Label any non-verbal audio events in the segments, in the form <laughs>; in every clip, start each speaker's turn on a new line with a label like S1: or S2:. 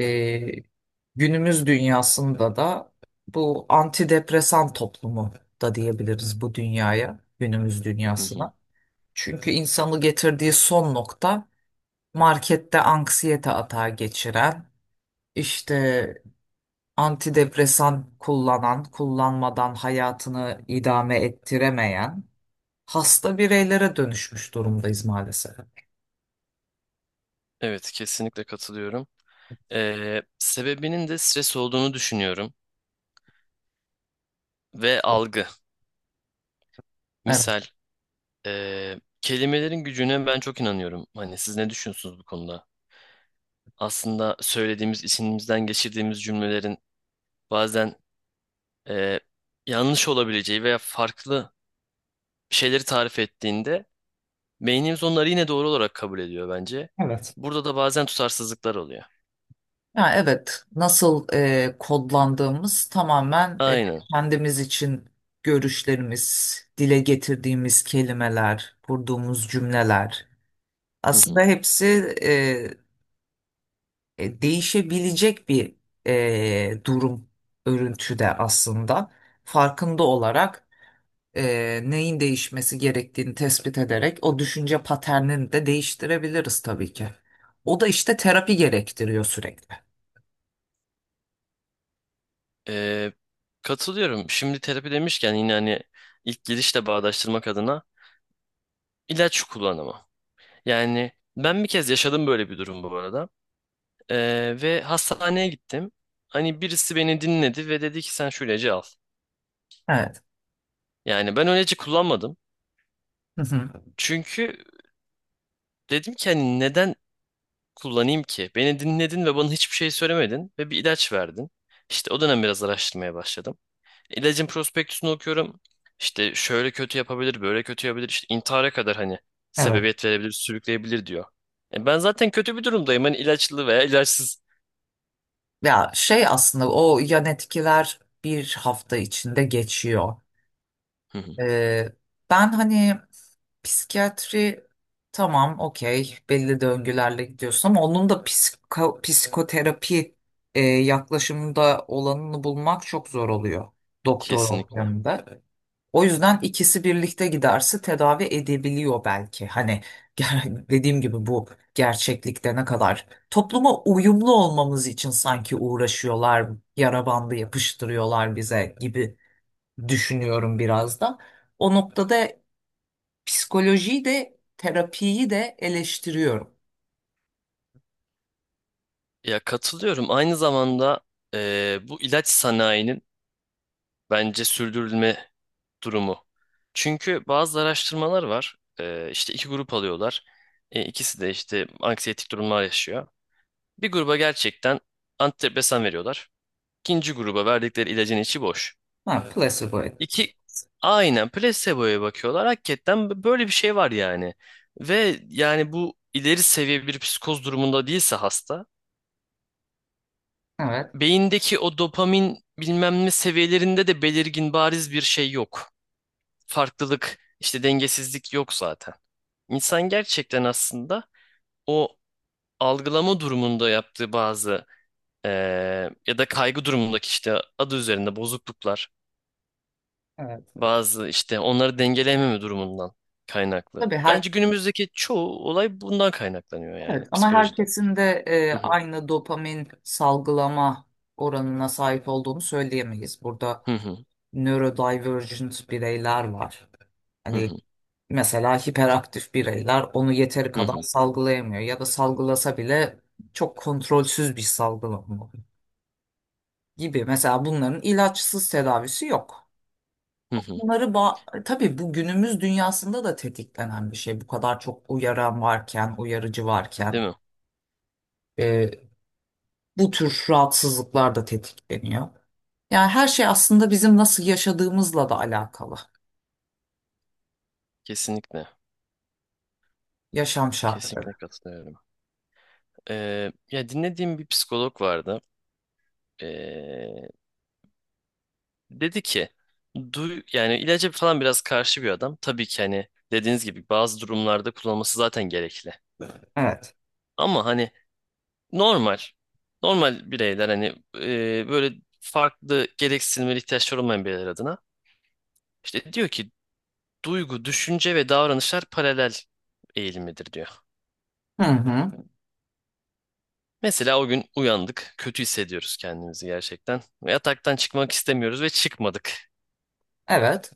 S1: E, Günümüz dünyasında da bu antidepresan toplumu da diyebiliriz bu dünyaya, günümüz
S2: Hı hı.
S1: dünyasına. Çünkü insanı getirdiği son nokta markette anksiyete atağı geçiren, işte antidepresan kullanan, kullanmadan hayatını idame ettiremeyen hasta bireylere dönüşmüş durumdayız maalesef.
S2: Evet, kesinlikle katılıyorum. Sebebinin de stres olduğunu düşünüyorum ve algı.
S1: Evet.
S2: Misal, kelimelerin gücüne ben çok inanıyorum. Hani siz ne düşünüyorsunuz bu konuda? Aslında söylediğimiz, içimizden geçirdiğimiz cümlelerin bazen ee, yanlış olabileceği veya farklı şeyleri tarif ettiğinde beynimiz onları yine doğru olarak kabul ediyor bence.
S1: Evet.
S2: Burada da bazen tutarsızlıklar oluyor.
S1: Ya evet, nasıl kodlandığımız tamamen
S2: Aynen.
S1: kendimiz için görüşlerimiz, dile getirdiğimiz kelimeler, kurduğumuz cümleler.
S2: Hı
S1: Aslında
S2: hı.
S1: hepsi değişebilecek bir durum örüntüde aslında. Farkında olarak neyin değişmesi gerektiğini tespit ederek o düşünce paternini de değiştirebiliriz tabii ki. O da işte terapi gerektiriyor sürekli.
S2: Ee, Katılıyorum. Şimdi terapi demişken yine hani ilk girişle bağdaştırmak adına ilaç kullanımı. Yani ben bir kez yaşadım böyle bir durum bu arada. Ve hastaneye gittim. Hani birisi beni dinledi ve dedi ki sen şu ilacı al.
S1: Evet.
S2: Yani ben o ilacı kullanmadım.
S1: Hı hı.
S2: Çünkü dedim ki hani neden kullanayım ki? Beni dinledin ve bana hiçbir şey söylemedin ve bir ilaç verdin. İşte o dönem biraz araştırmaya başladım. İlacın prospektüsünü okuyorum. İşte şöyle kötü yapabilir, böyle kötü yapabilir. İşte intihara kadar hani
S1: Evet.
S2: sebebiyet verebilir, sürükleyebilir diyor. E ben zaten kötü bir durumdayım. Hani ilaçlı veya ilaçsız.
S1: Ya şey aslında o yan etkiler bir hafta içinde geçiyor.
S2: Hı hı.
S1: Ee, Ben hani psikiyatri tamam okey belli döngülerle gidiyorsun ama onun da psikoterapi yaklaşımında olanını bulmak çok zor oluyor doktor
S2: Kesinlikle.
S1: ortamında. O yüzden ikisi birlikte giderse tedavi edebiliyor belki. Hani <laughs> dediğim gibi bu gerçeklikte ne kadar topluma uyumlu olmamız için sanki uğraşıyorlar, yara bandı yapıştırıyorlar bize gibi düşünüyorum biraz da. O noktada psikolojiyi de terapiyi de eleştiriyorum.
S2: Ya katılıyorum. Aynı zamanda bu ilaç sanayinin bence sürdürülme durumu. Çünkü bazı araştırmalar var. İşte iki grup alıyorlar. İkisi de işte anksiyetik durumlar yaşıyor. Bir gruba gerçekten antidepresan veriyorlar. İkinci gruba verdikleri ilacın içi boş.
S1: Ha, evet, placebo. Evet,
S2: İki aynen placebo'ya bakıyorlar. Hakikaten böyle bir şey var yani. Ve yani bu ileri seviye bir psikoz durumunda değilse hasta,
S1: evet,
S2: beyindeki o dopamin bilmem ne seviyelerinde de belirgin bariz bir şey yok. Farklılık, işte dengesizlik yok zaten. İnsan gerçekten aslında o algılama durumunda yaptığı bazı ya da kaygı durumundaki işte adı üzerinde bozukluklar,
S1: evet. Evet.
S2: bazı işte onları dengeleyememe durumundan kaynaklı.
S1: Tabii her
S2: Bence günümüzdeki çoğu olay bundan kaynaklanıyor
S1: evet
S2: yani
S1: ama
S2: psikolojide.
S1: herkesin de
S2: Hı hı,
S1: aynı dopamin salgılama oranına sahip olduğunu söyleyemeyiz. Burada
S2: hı hı,
S1: neurodivergent bireyler var.
S2: hı
S1: Hani
S2: hı,
S1: mesela hiperaktif bireyler onu yeteri
S2: hı
S1: kadar
S2: hı,
S1: salgılayamıyor ya da salgılasa bile çok kontrolsüz bir salgılama gibi. Mesela bunların ilaçsız tedavisi yok.
S2: hı hı.
S1: Tabii bu günümüz dünyasında da tetiklenen bir şey. Bu kadar çok uyaran varken, uyarıcı varken
S2: Değil mi?
S1: e, bu tür rahatsızlıklar da tetikleniyor. Yani her şey aslında bizim nasıl yaşadığımızla da alakalı.
S2: Kesinlikle.
S1: Yaşam şartları.
S2: Kesinlikle katılıyorum. Ya dinlediğim bir psikolog vardı. Ee, Dedi ki duy yani ilaca falan biraz karşı bir adam. Tabii ki hani dediğiniz gibi bazı durumlarda kullanılması zaten gerekli.
S1: Evet.
S2: Ama hani normal. Normal bireyler hani böyle farklı gereksinimleri ihtiyaçları olmayan bireyler adına. İşte diyor ki duygu, düşünce ve davranışlar paralel eğilimidir diyor.
S1: Hı hı.
S2: Mesela o gün uyandık, kötü hissediyoruz kendimizi gerçekten. Ve yataktan çıkmak istemiyoruz ve çıkmadık.
S1: Evet.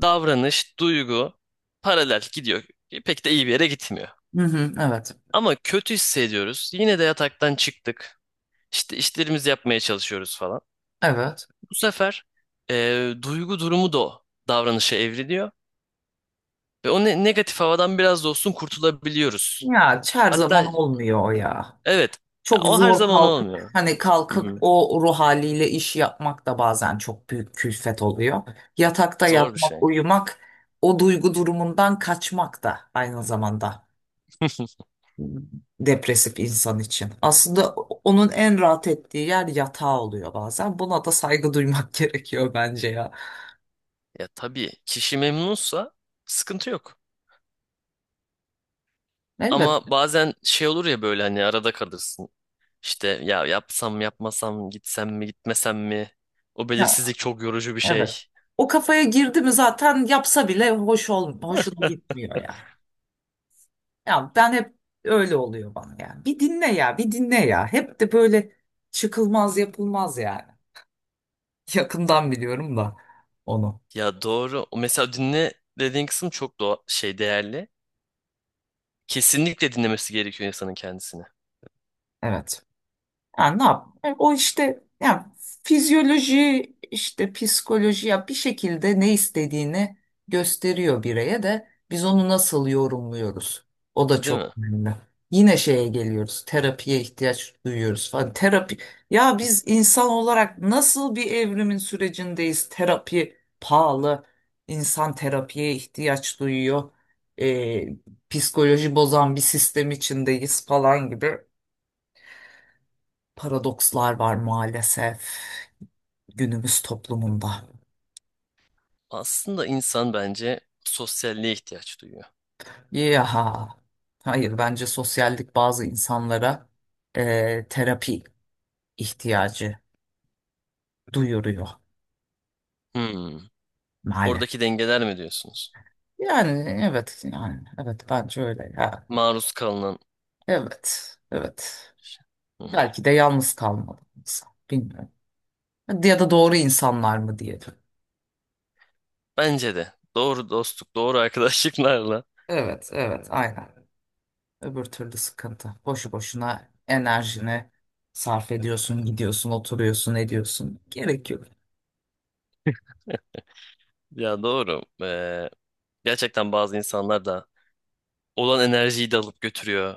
S2: Davranış, duygu paralel gidiyor. Pek de iyi bir yere gitmiyor.
S1: Hı hı. Evet.
S2: Ama kötü hissediyoruz. Yine de yataktan çıktık. İşte işlerimizi yapmaya çalışıyoruz falan.
S1: Evet.
S2: Bu sefer duygu durumu da o davranışa evriliyor ve o negatif havadan biraz da olsun kurtulabiliyoruz.
S1: Ya her
S2: Hatta
S1: zaman olmuyor o ya.
S2: evet, ya
S1: Çok
S2: o her
S1: zor
S2: zaman
S1: kalkıp
S2: olmuyor.
S1: hani
S2: Hı
S1: kalkıp
S2: hı.
S1: o ruh haliyle iş yapmak da bazen çok büyük külfet oluyor. Yatakta
S2: Zor bir
S1: yatmak,
S2: şey.
S1: uyumak, o duygu durumundan kaçmak da aynı zamanda
S2: <laughs>
S1: depresif insan için. Aslında onun en rahat ettiği yer yatağı oluyor bazen. Buna da saygı duymak <laughs> gerekiyor bence ya.
S2: Ya tabii kişi memnunsa sıkıntı yok.
S1: Elbette.
S2: Ama bazen şey olur ya böyle hani arada kalırsın. İşte ya yapsam mı, yapmasam mı, gitsem mi gitmesem mi? O belirsizlik çok yorucu bir şey.
S1: Evet. O kafaya girdi mi zaten yapsa bile hoşuna gitmiyor ya. Ya ben hep öyle oluyor bana yani. Bir dinle ya, bir dinle ya. Hep de böyle çıkılmaz yapılmaz yani. <laughs> Yakından biliyorum da onu.
S2: Ya doğru. O mesela dinle dediğin kısım çok doğa şey değerli. Kesinlikle dinlemesi gerekiyor insanın kendisini.
S1: Evet. Yani ne yap? O işte yani fizyoloji işte psikoloji ya bir şekilde ne istediğini gösteriyor bireye de biz onu nasıl yorumluyoruz? O da
S2: Değil
S1: çok
S2: mi?
S1: önemli. Yine şeye geliyoruz. Terapiye ihtiyaç duyuyoruz falan. Terapi ya biz insan olarak nasıl bir evrimin sürecindeyiz? Terapi pahalı. İnsan terapiye ihtiyaç duyuyor. E, Psikoloji bozan bir sistem içindeyiz falan gibi. Paradokslar var maalesef günümüz toplumunda.
S2: Aslında insan bence sosyalliğe ihtiyaç duyuyor.
S1: Yaha. Hayır bence sosyallik bazı insanlara terapi ihtiyacı duyuruyor
S2: Hmm.
S1: maalesef.
S2: Oradaki dengeler mi diyorsunuz?
S1: Yani evet yani evet bence öyle ya.
S2: Maruz kalınan
S1: Evet, evet.
S2: şey. Hı hı.
S1: Belki de yalnız kalmalı insan bilmiyorum. Ya da doğru insanlar mı diyelim.
S2: Bence de. Doğru dostluk, doğru arkadaşlıklarla.
S1: Evet, evet, aynen. Öbür türlü sıkıntı. Boşu boşuna enerjini sarf ediyorsun, gidiyorsun, oturuyorsun, ediyorsun. Gerek yok.
S2: Ya doğru. Gerçekten bazı insanlar da olan enerjiyi de alıp götürüyor.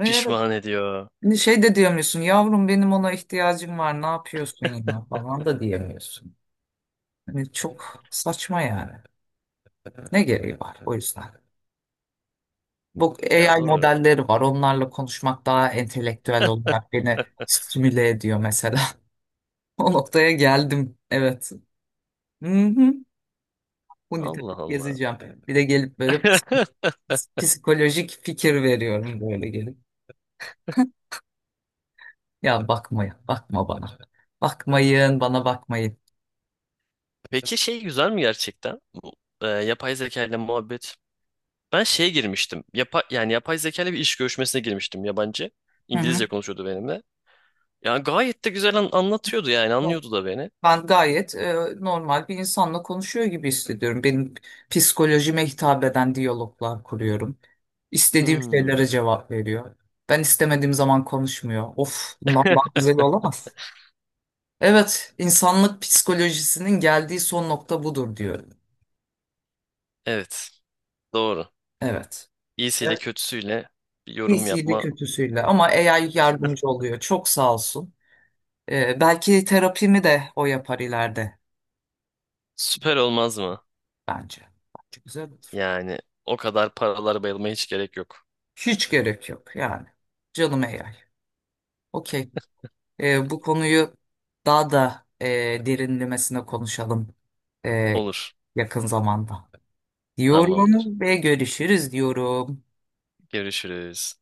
S1: Ee,
S2: Pişman ediyor.
S1: Şey de diyemiyorsun, yavrum benim ona ihtiyacım var, ne yapıyorsun ya falan da diyemiyorsun. Hani çok saçma yani. Ne gereği var o yüzden. Bu
S2: Ya
S1: AI
S2: doğru.
S1: modelleri var, onlarla konuşmak daha entelektüel olarak beni stimüle ediyor mesela. <laughs> O noktaya geldim, evet. Hı hı. Huni
S2: Allah
S1: takıp
S2: Allah.
S1: gezeceğim. Bir de gelip böyle
S2: <laughs>
S1: psikolojik fikir veriyorum böyle gelip. <laughs> Ya bakmayın, bakma bana. Bakmayın, bana bakmayın.
S2: Peki şey güzel mi gerçekten? Bu, yapay zeka ile muhabbet. Ben şeye girmiştim. Yani yapay zeka ile bir iş görüşmesine girmiştim yabancı.
S1: Hı hı.
S2: İngilizce konuşuyordu benimle. Yani gayet de güzel anlatıyordu yani
S1: Evet.
S2: anlıyordu da beni.
S1: Ben gayet normal bir insanla konuşuyor gibi hissediyorum. Benim psikolojime hitap eden diyaloglar kuruyorum. İstediğim
S2: Hmm.
S1: şeylere cevap veriyor. Ben istemediğim zaman konuşmuyor. Of, bundan daha güzel olamaz. Evet, insanlık psikolojisinin geldiği son nokta budur diyorum.
S2: Evet. Doğru.
S1: Evet.
S2: İyisiyle kötüsüyle bir yorum
S1: İyisiyle
S2: yapma
S1: kötüsüyle ama AI yardımcı oluyor. Çok sağ olsun. Belki terapimi de o yapar ileride
S2: süper olmaz mı?
S1: bence. Bence güzel olur.
S2: Yani o kadar paralar bayılmaya hiç gerek yok.
S1: Hiç gerek yok yani. Canım AI. Okey. Bu konuyu daha da derinlemesine konuşalım e,
S2: Olur.
S1: yakın zamanda.
S2: Tamamdır.
S1: Diyorum ve görüşürüz diyorum.
S2: Görüşürüz.